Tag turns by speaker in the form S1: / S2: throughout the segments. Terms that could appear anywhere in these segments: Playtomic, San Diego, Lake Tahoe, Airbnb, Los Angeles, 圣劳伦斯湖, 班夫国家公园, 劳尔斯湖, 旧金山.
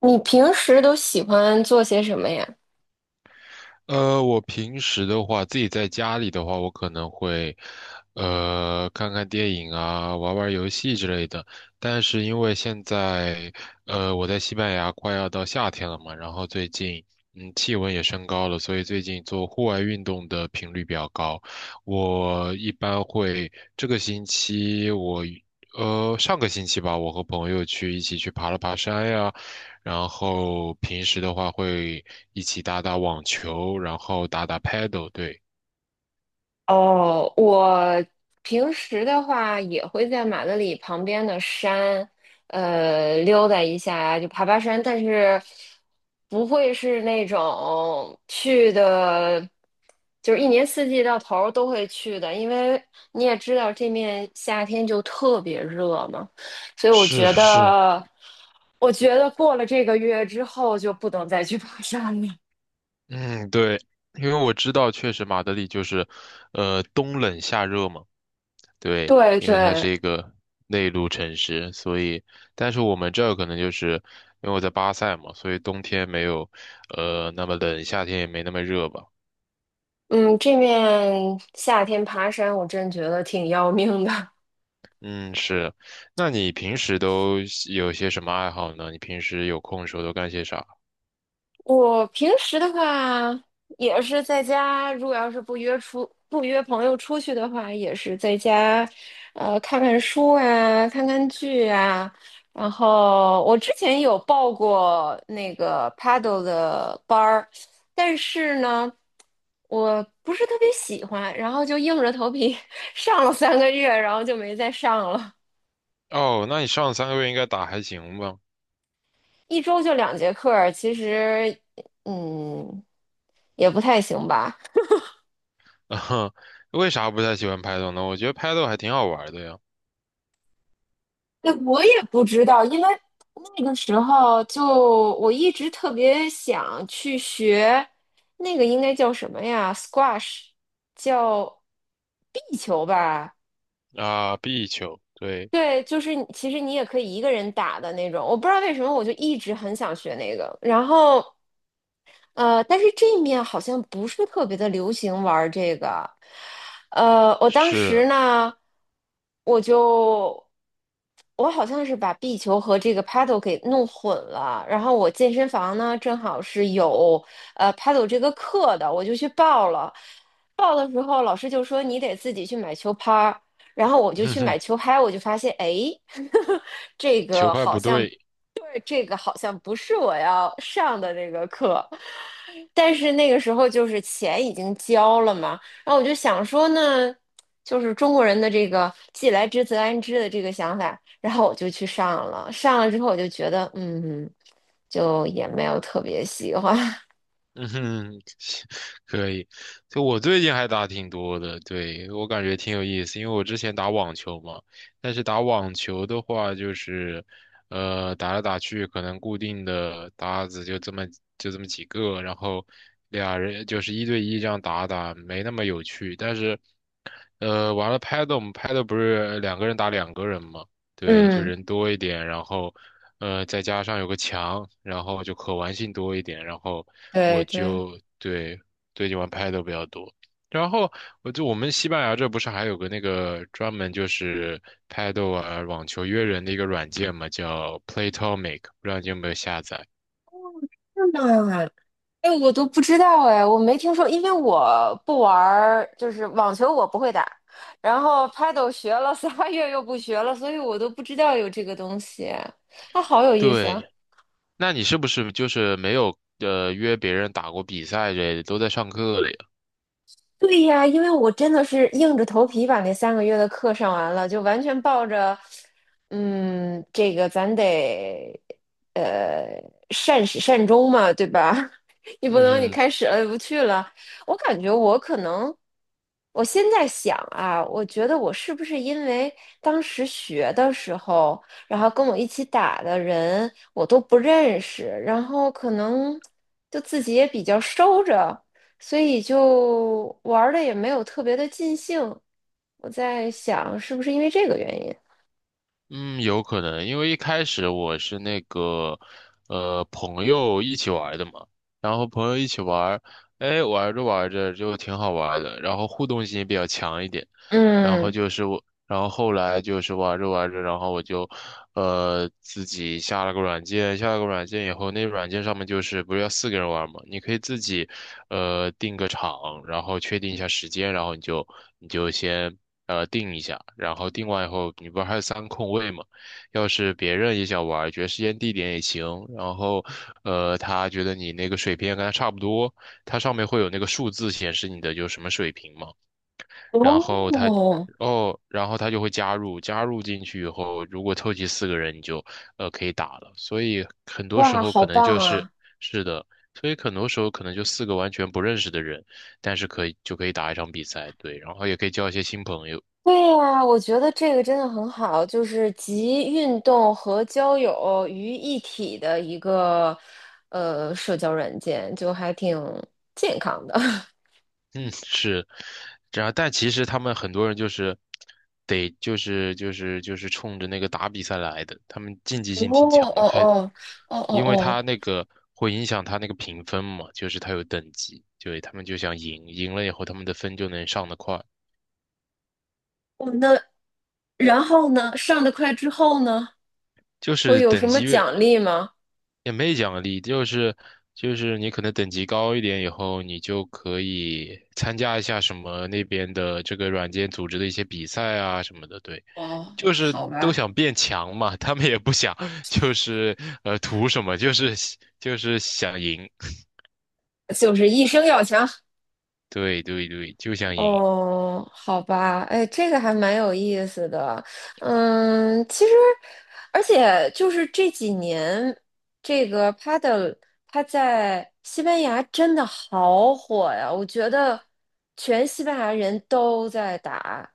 S1: 你平时都喜欢做些什么呀？
S2: 我平时的话，自己在家里的话，我可能会，看看电影啊，玩玩游戏之类的。但是因为现在，我在西班牙快要到夏天了嘛，然后最近，嗯，气温也升高了，所以最近做户外运动的频率比较高。我一般会这个星期我，上个星期吧，我和朋友一起去爬了爬山呀。然后平时的话会一起打打网球，然后打打 paddle，对，
S1: 哦，我平时的话也会在马德里旁边的山，溜达一下呀，就爬爬山，但是不会是那种去的，就是一年四季到头儿都会去的，因为你也知道这面夏天就特别热嘛，所以我
S2: 是
S1: 觉
S2: 是，
S1: 得，我觉得过了这个月之后就不能再去爬山了。
S2: 嗯，对，因为我知道确实马德里就是，冬冷夏热嘛，对，
S1: 对
S2: 因为它是
S1: 对，
S2: 一个内陆城市，所以，但是我们这儿可能就是因为我在巴塞嘛，所以冬天没有，那么冷，夏天也没那么热吧。
S1: 嗯，这面夏天爬山，我真觉得挺要命的。
S2: 嗯，是。那你平时都有些什么爱好呢？你平时有空的时候都干些啥？
S1: 我平时的话，也是在家，如果要是不约出不约朋友出去的话，也是在家，看看书啊，看看剧啊。然后我之前有报过那个 paddle 的班儿，但是呢，我不是特别喜欢，然后就硬着头皮 上了3个月，然后就没再上了。
S2: 哦，那你上3个月应该打还行吧？
S1: 一周就两节课儿其实嗯也不太行吧。
S2: 啊，为啥不太喜欢拍斗呢？我觉得拍斗还挺好玩的呀。
S1: 那我也不知道，因为那个时候就我一直特别想去学那个应该叫什么呀？squash,叫壁球吧？
S2: 啊，壁球，对，
S1: 对，就是你其实你也可以一个人打的那种。我不知道为什么，我就一直很想学那个。但是这面好像不是特别的流行玩儿这个。呃，我当
S2: 是，
S1: 时呢，我就我好像是把壁球和这个 paddle 给弄混了。然后我健身房呢，正好是有paddle 这个课的，我就去报了。报的时候，老师就说你得自己去买球拍儿。然后我 就
S2: 哼
S1: 去
S2: 哼，
S1: 买球拍，我就发现，哎，这
S2: 球
S1: 个
S2: 拍
S1: 好
S2: 不
S1: 像
S2: 对。
S1: 这个好像不是我要上的那个课，但是那个时候就是钱已经交了嘛，然后我就想说呢，就是中国人的这个既来之则安之的这个想法，然后我就去上了，上了之后我就觉得，嗯，就也没有特别喜欢，
S2: 嗯哼，可以。就我最近还打挺多的，对，我感觉挺有意思，因为我之前打网球嘛，但是打网球的话，就是，打来打去，可能固定的搭子就这么几个，然后俩人就是一对一这样打打，没那么有趣。但是，呃我们拍的不是两个人打两个人嘛，对，就
S1: 嗯，
S2: 人多一点，然后，再加上有个墙，然后就可玩性多一点，然后我
S1: 对对。
S2: 就对最近玩拍的比较多。然后我们西班牙这不是还有个那个专门就是拍豆啊网球约人的一个软件嘛，叫 Playtomic，不知道你有没有下载？
S1: 那。哎，我都不知道哎，我没听说，因为我不玩儿，就是网球我不会打，然后 Paddle 学了仨 月又不学了，所以我都不知道有这个东西，它好有意思啊！
S2: 对，那你是不是就是没有约别人打过比赛之类的，都在上课了呀？
S1: 对呀，因为我真的是硬着头皮把那三个月的课上完了，就完全抱着，嗯，这个咱得，呃，善始善终嘛，对吧？你不能你
S2: 嗯哼。
S1: 开始了不去了。我感觉我可能，我现在想啊，我觉得我是不是因为当时学的时候，然后跟我一起打的人我都不认识，然后可能就自己也比较收着。所以就玩的也没有特别的尽兴。我在想，是不是因为这个原因？
S2: 嗯，有可能，因为一开始我是那个，朋友一起玩的嘛，然后朋友一起玩，哎，玩着玩着就挺好玩的，然后互动性比较强一点。然后
S1: 嗯，
S2: 就是我，然后后来就是玩着玩着，然后我就，自己下了个软件，下了个软件以后，那软件上面就是不是要四个人玩嘛，你可以自己，定个场，然后确定一下时间，然后你就先定一下，然后定完以后，你不是还有三空位嘛，要是别人也想玩，觉得时间地点也行，然后他觉得你那个水平也跟他差不多，它上面会有那个数字显示你的就什么水平嘛。然后他
S1: 哦，
S2: 哦，然后他就会加入，加入进去以后，如果凑齐四个人，你就可以打了。所以很多时
S1: 哇，
S2: 候
S1: 好
S2: 可能
S1: 棒
S2: 就是
S1: 啊！
S2: 是的，所以很多时候可能就四个完全不认识的人，但是可以就可以打一场比赛，对，然后也可以交一些新朋友，
S1: 对呀，我觉得这个真的很好，就是集运动和交友于一体的一个社交软件，就还挺健康的。
S2: 嗯，是，然后但其实他们很多人就是得就是就是就是冲着那个打比赛来的，他们竞技
S1: 哦
S2: 性挺
S1: 哦
S2: 强的，还
S1: 哦哦哦
S2: 因为
S1: 哦，
S2: 他那个会影响他那个评分嘛，就是他有等级，对，他们就想赢，赢了以后他们的分就能上得快，
S1: 哦，那然后呢？上的快之后呢？
S2: 就
S1: 会
S2: 是
S1: 有什
S2: 等
S1: 么
S2: 级越
S1: 奖励吗？
S2: 也没奖励，就是你可能等级高一点以后，你就可以参加一下什么那边的这个软件组织的一些比赛啊什么的，对，
S1: 哦，
S2: 就是
S1: 好
S2: 都
S1: 吧。
S2: 想变强嘛，他们也不想就是图什么，就是想赢，
S1: 就是一生要强。
S2: 对对对，就想赢。
S1: 哦，好吧，哎，这个还蛮有意思的。嗯，其实，而且就是这几年，这个 paddle 它在西班牙真的好火呀，我觉得全西班牙人都在打。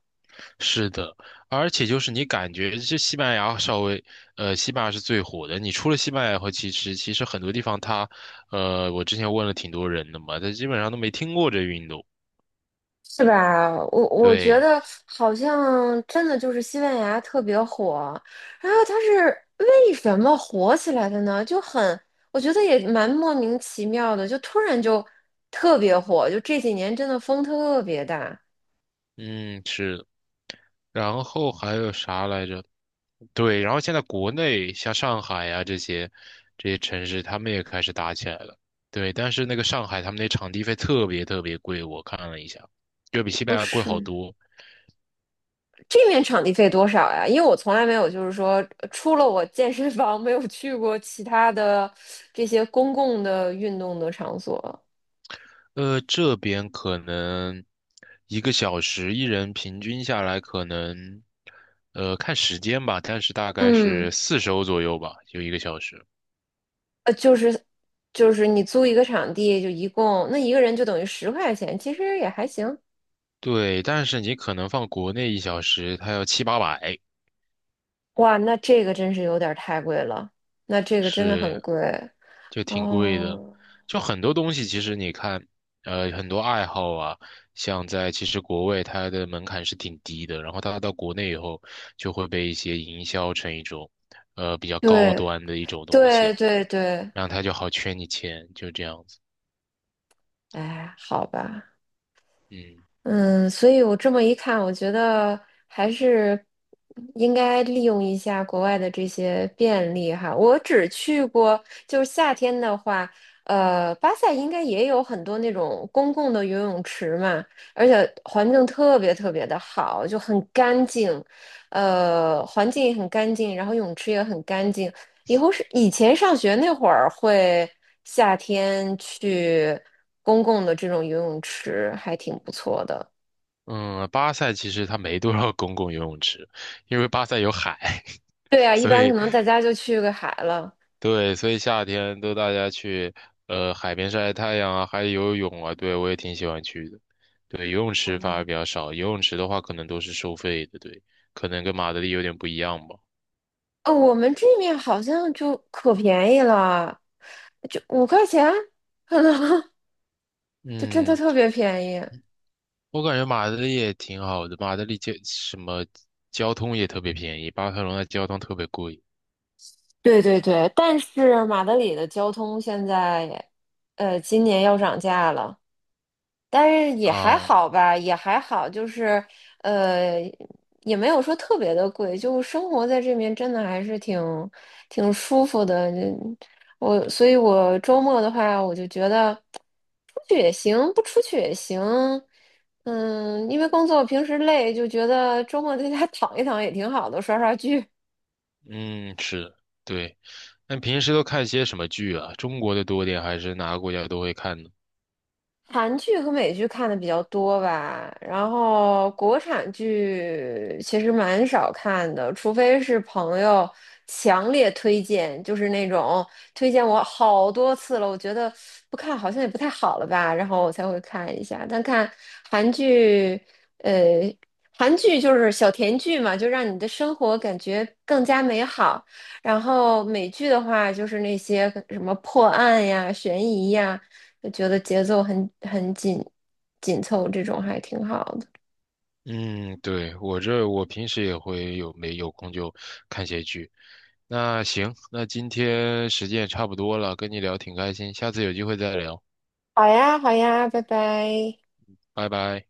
S2: 是的，而且就是你感觉这西班牙稍微，西班牙是最火的。你除了西班牙后，其实很多地方它，我之前问了挺多人的嘛，他基本上都没听过这运动。
S1: 是吧？我觉
S2: 对，
S1: 得好像真的就是西班牙特别火，然后它是为什么火起来的呢？就很，我觉得也蛮莫名其妙的，就突然就特别火，就这几年真的风特别大。
S2: 嗯，是。然后还有啥来着？对，然后现在国内像上海呀、这些城市，他们也开始打起来了。对，但是那个上海他们那场地费特别特别贵，我看了一下，就比西
S1: 哦，
S2: 班牙贵好
S1: 是，
S2: 多。
S1: 这面场地费多少呀？因为我从来没有，就是说，除了我健身房，没有去过其他的这些公共的运动的场所。
S2: 这边可能一个小时，一人平均下来可能，看时间吧，但是大概
S1: 嗯。
S2: 是40欧左右吧，就一个小时。
S1: 呃，就是就是你租一个场地，就一共那一个人就等于10块钱，其实也还行。
S2: 对，但是你可能放国内1小时，它要七八百。
S1: 哇，那这个真是有点儿太贵了，那这个真的很
S2: 是，
S1: 贵
S2: 就挺贵的。
S1: 哦。
S2: 就很多东西，其实你看，很多爱好啊，像在其实国外它的门槛是挺低的，然后它到国内以后就会被一些营销成一种，比较高
S1: 对
S2: 端的一种东
S1: 对
S2: 西，
S1: 对对，
S2: 然后它就好圈你钱，就这样子。
S1: 哎，好吧。
S2: 嗯
S1: 嗯，所以我这么一看，我觉得还是应该利用一下国外的这些便利哈。我只去过，就是夏天的话，巴塞应该也有很多那种公共的游泳池嘛，而且环境特别特别的好，就很干净，环境也很干净，然后泳池也很干净。以后是以前上学那会儿会夏天去公共的这种游泳池，还挺不错的。
S2: 嗯，巴塞其实它没多少公共游泳池，因为巴塞有海，
S1: 对 啊，一
S2: 所
S1: 般可
S2: 以。
S1: 能大家就去个海了。
S2: 对，所以夏天都大家去海边晒晒太阳啊，还有游泳啊，对，我也挺喜欢去的。对，游泳池反
S1: 哦，
S2: 而比较少，游泳池的话可能都是收费的，对，可能跟马德里有点不一样吧。
S1: 哦，我们这面好像就可便宜了，就5块钱，可能 就真的
S2: 嗯，
S1: 特别便宜。
S2: 我感觉马德里也挺好的，马德里交什么交通也特别便宜，巴塞罗那交通特别贵
S1: 对对对，但是马德里的交通现在，今年要涨价了。但是也还
S2: 啊。
S1: 好吧，也还好，呃，也没有说特别的贵，就生活在这边真的还是挺舒服的。嗯我，所以我周末的话，我就觉得出去也行，不出去也行。嗯，因为工作平时累，就觉得周末在家躺一躺也挺好的，刷刷剧。
S2: 嗯，是的，对。那平时都看些什么剧啊？中国的多点还是哪个国家都会看呢？
S1: 韩剧和美剧看的比较多吧，然后国产剧其实蛮少看的，除非是朋友强烈推荐，就是那种推荐我好多次了，我觉得不看好像也不太好了吧，然后我才会看一下。但看韩剧，呃，韩剧就是小甜剧嘛，就让你的生活感觉更加美好。然后美剧的话，就是那些什么破案呀、悬疑呀。就觉得节奏很紧紧凑，这种还挺好的。
S2: 嗯，对，我这平时也会有没有空就看些剧。那行，那今天时间也差不多了，跟你聊挺开心，下次有机会再聊，
S1: 好呀，好呀，拜拜。
S2: 拜拜。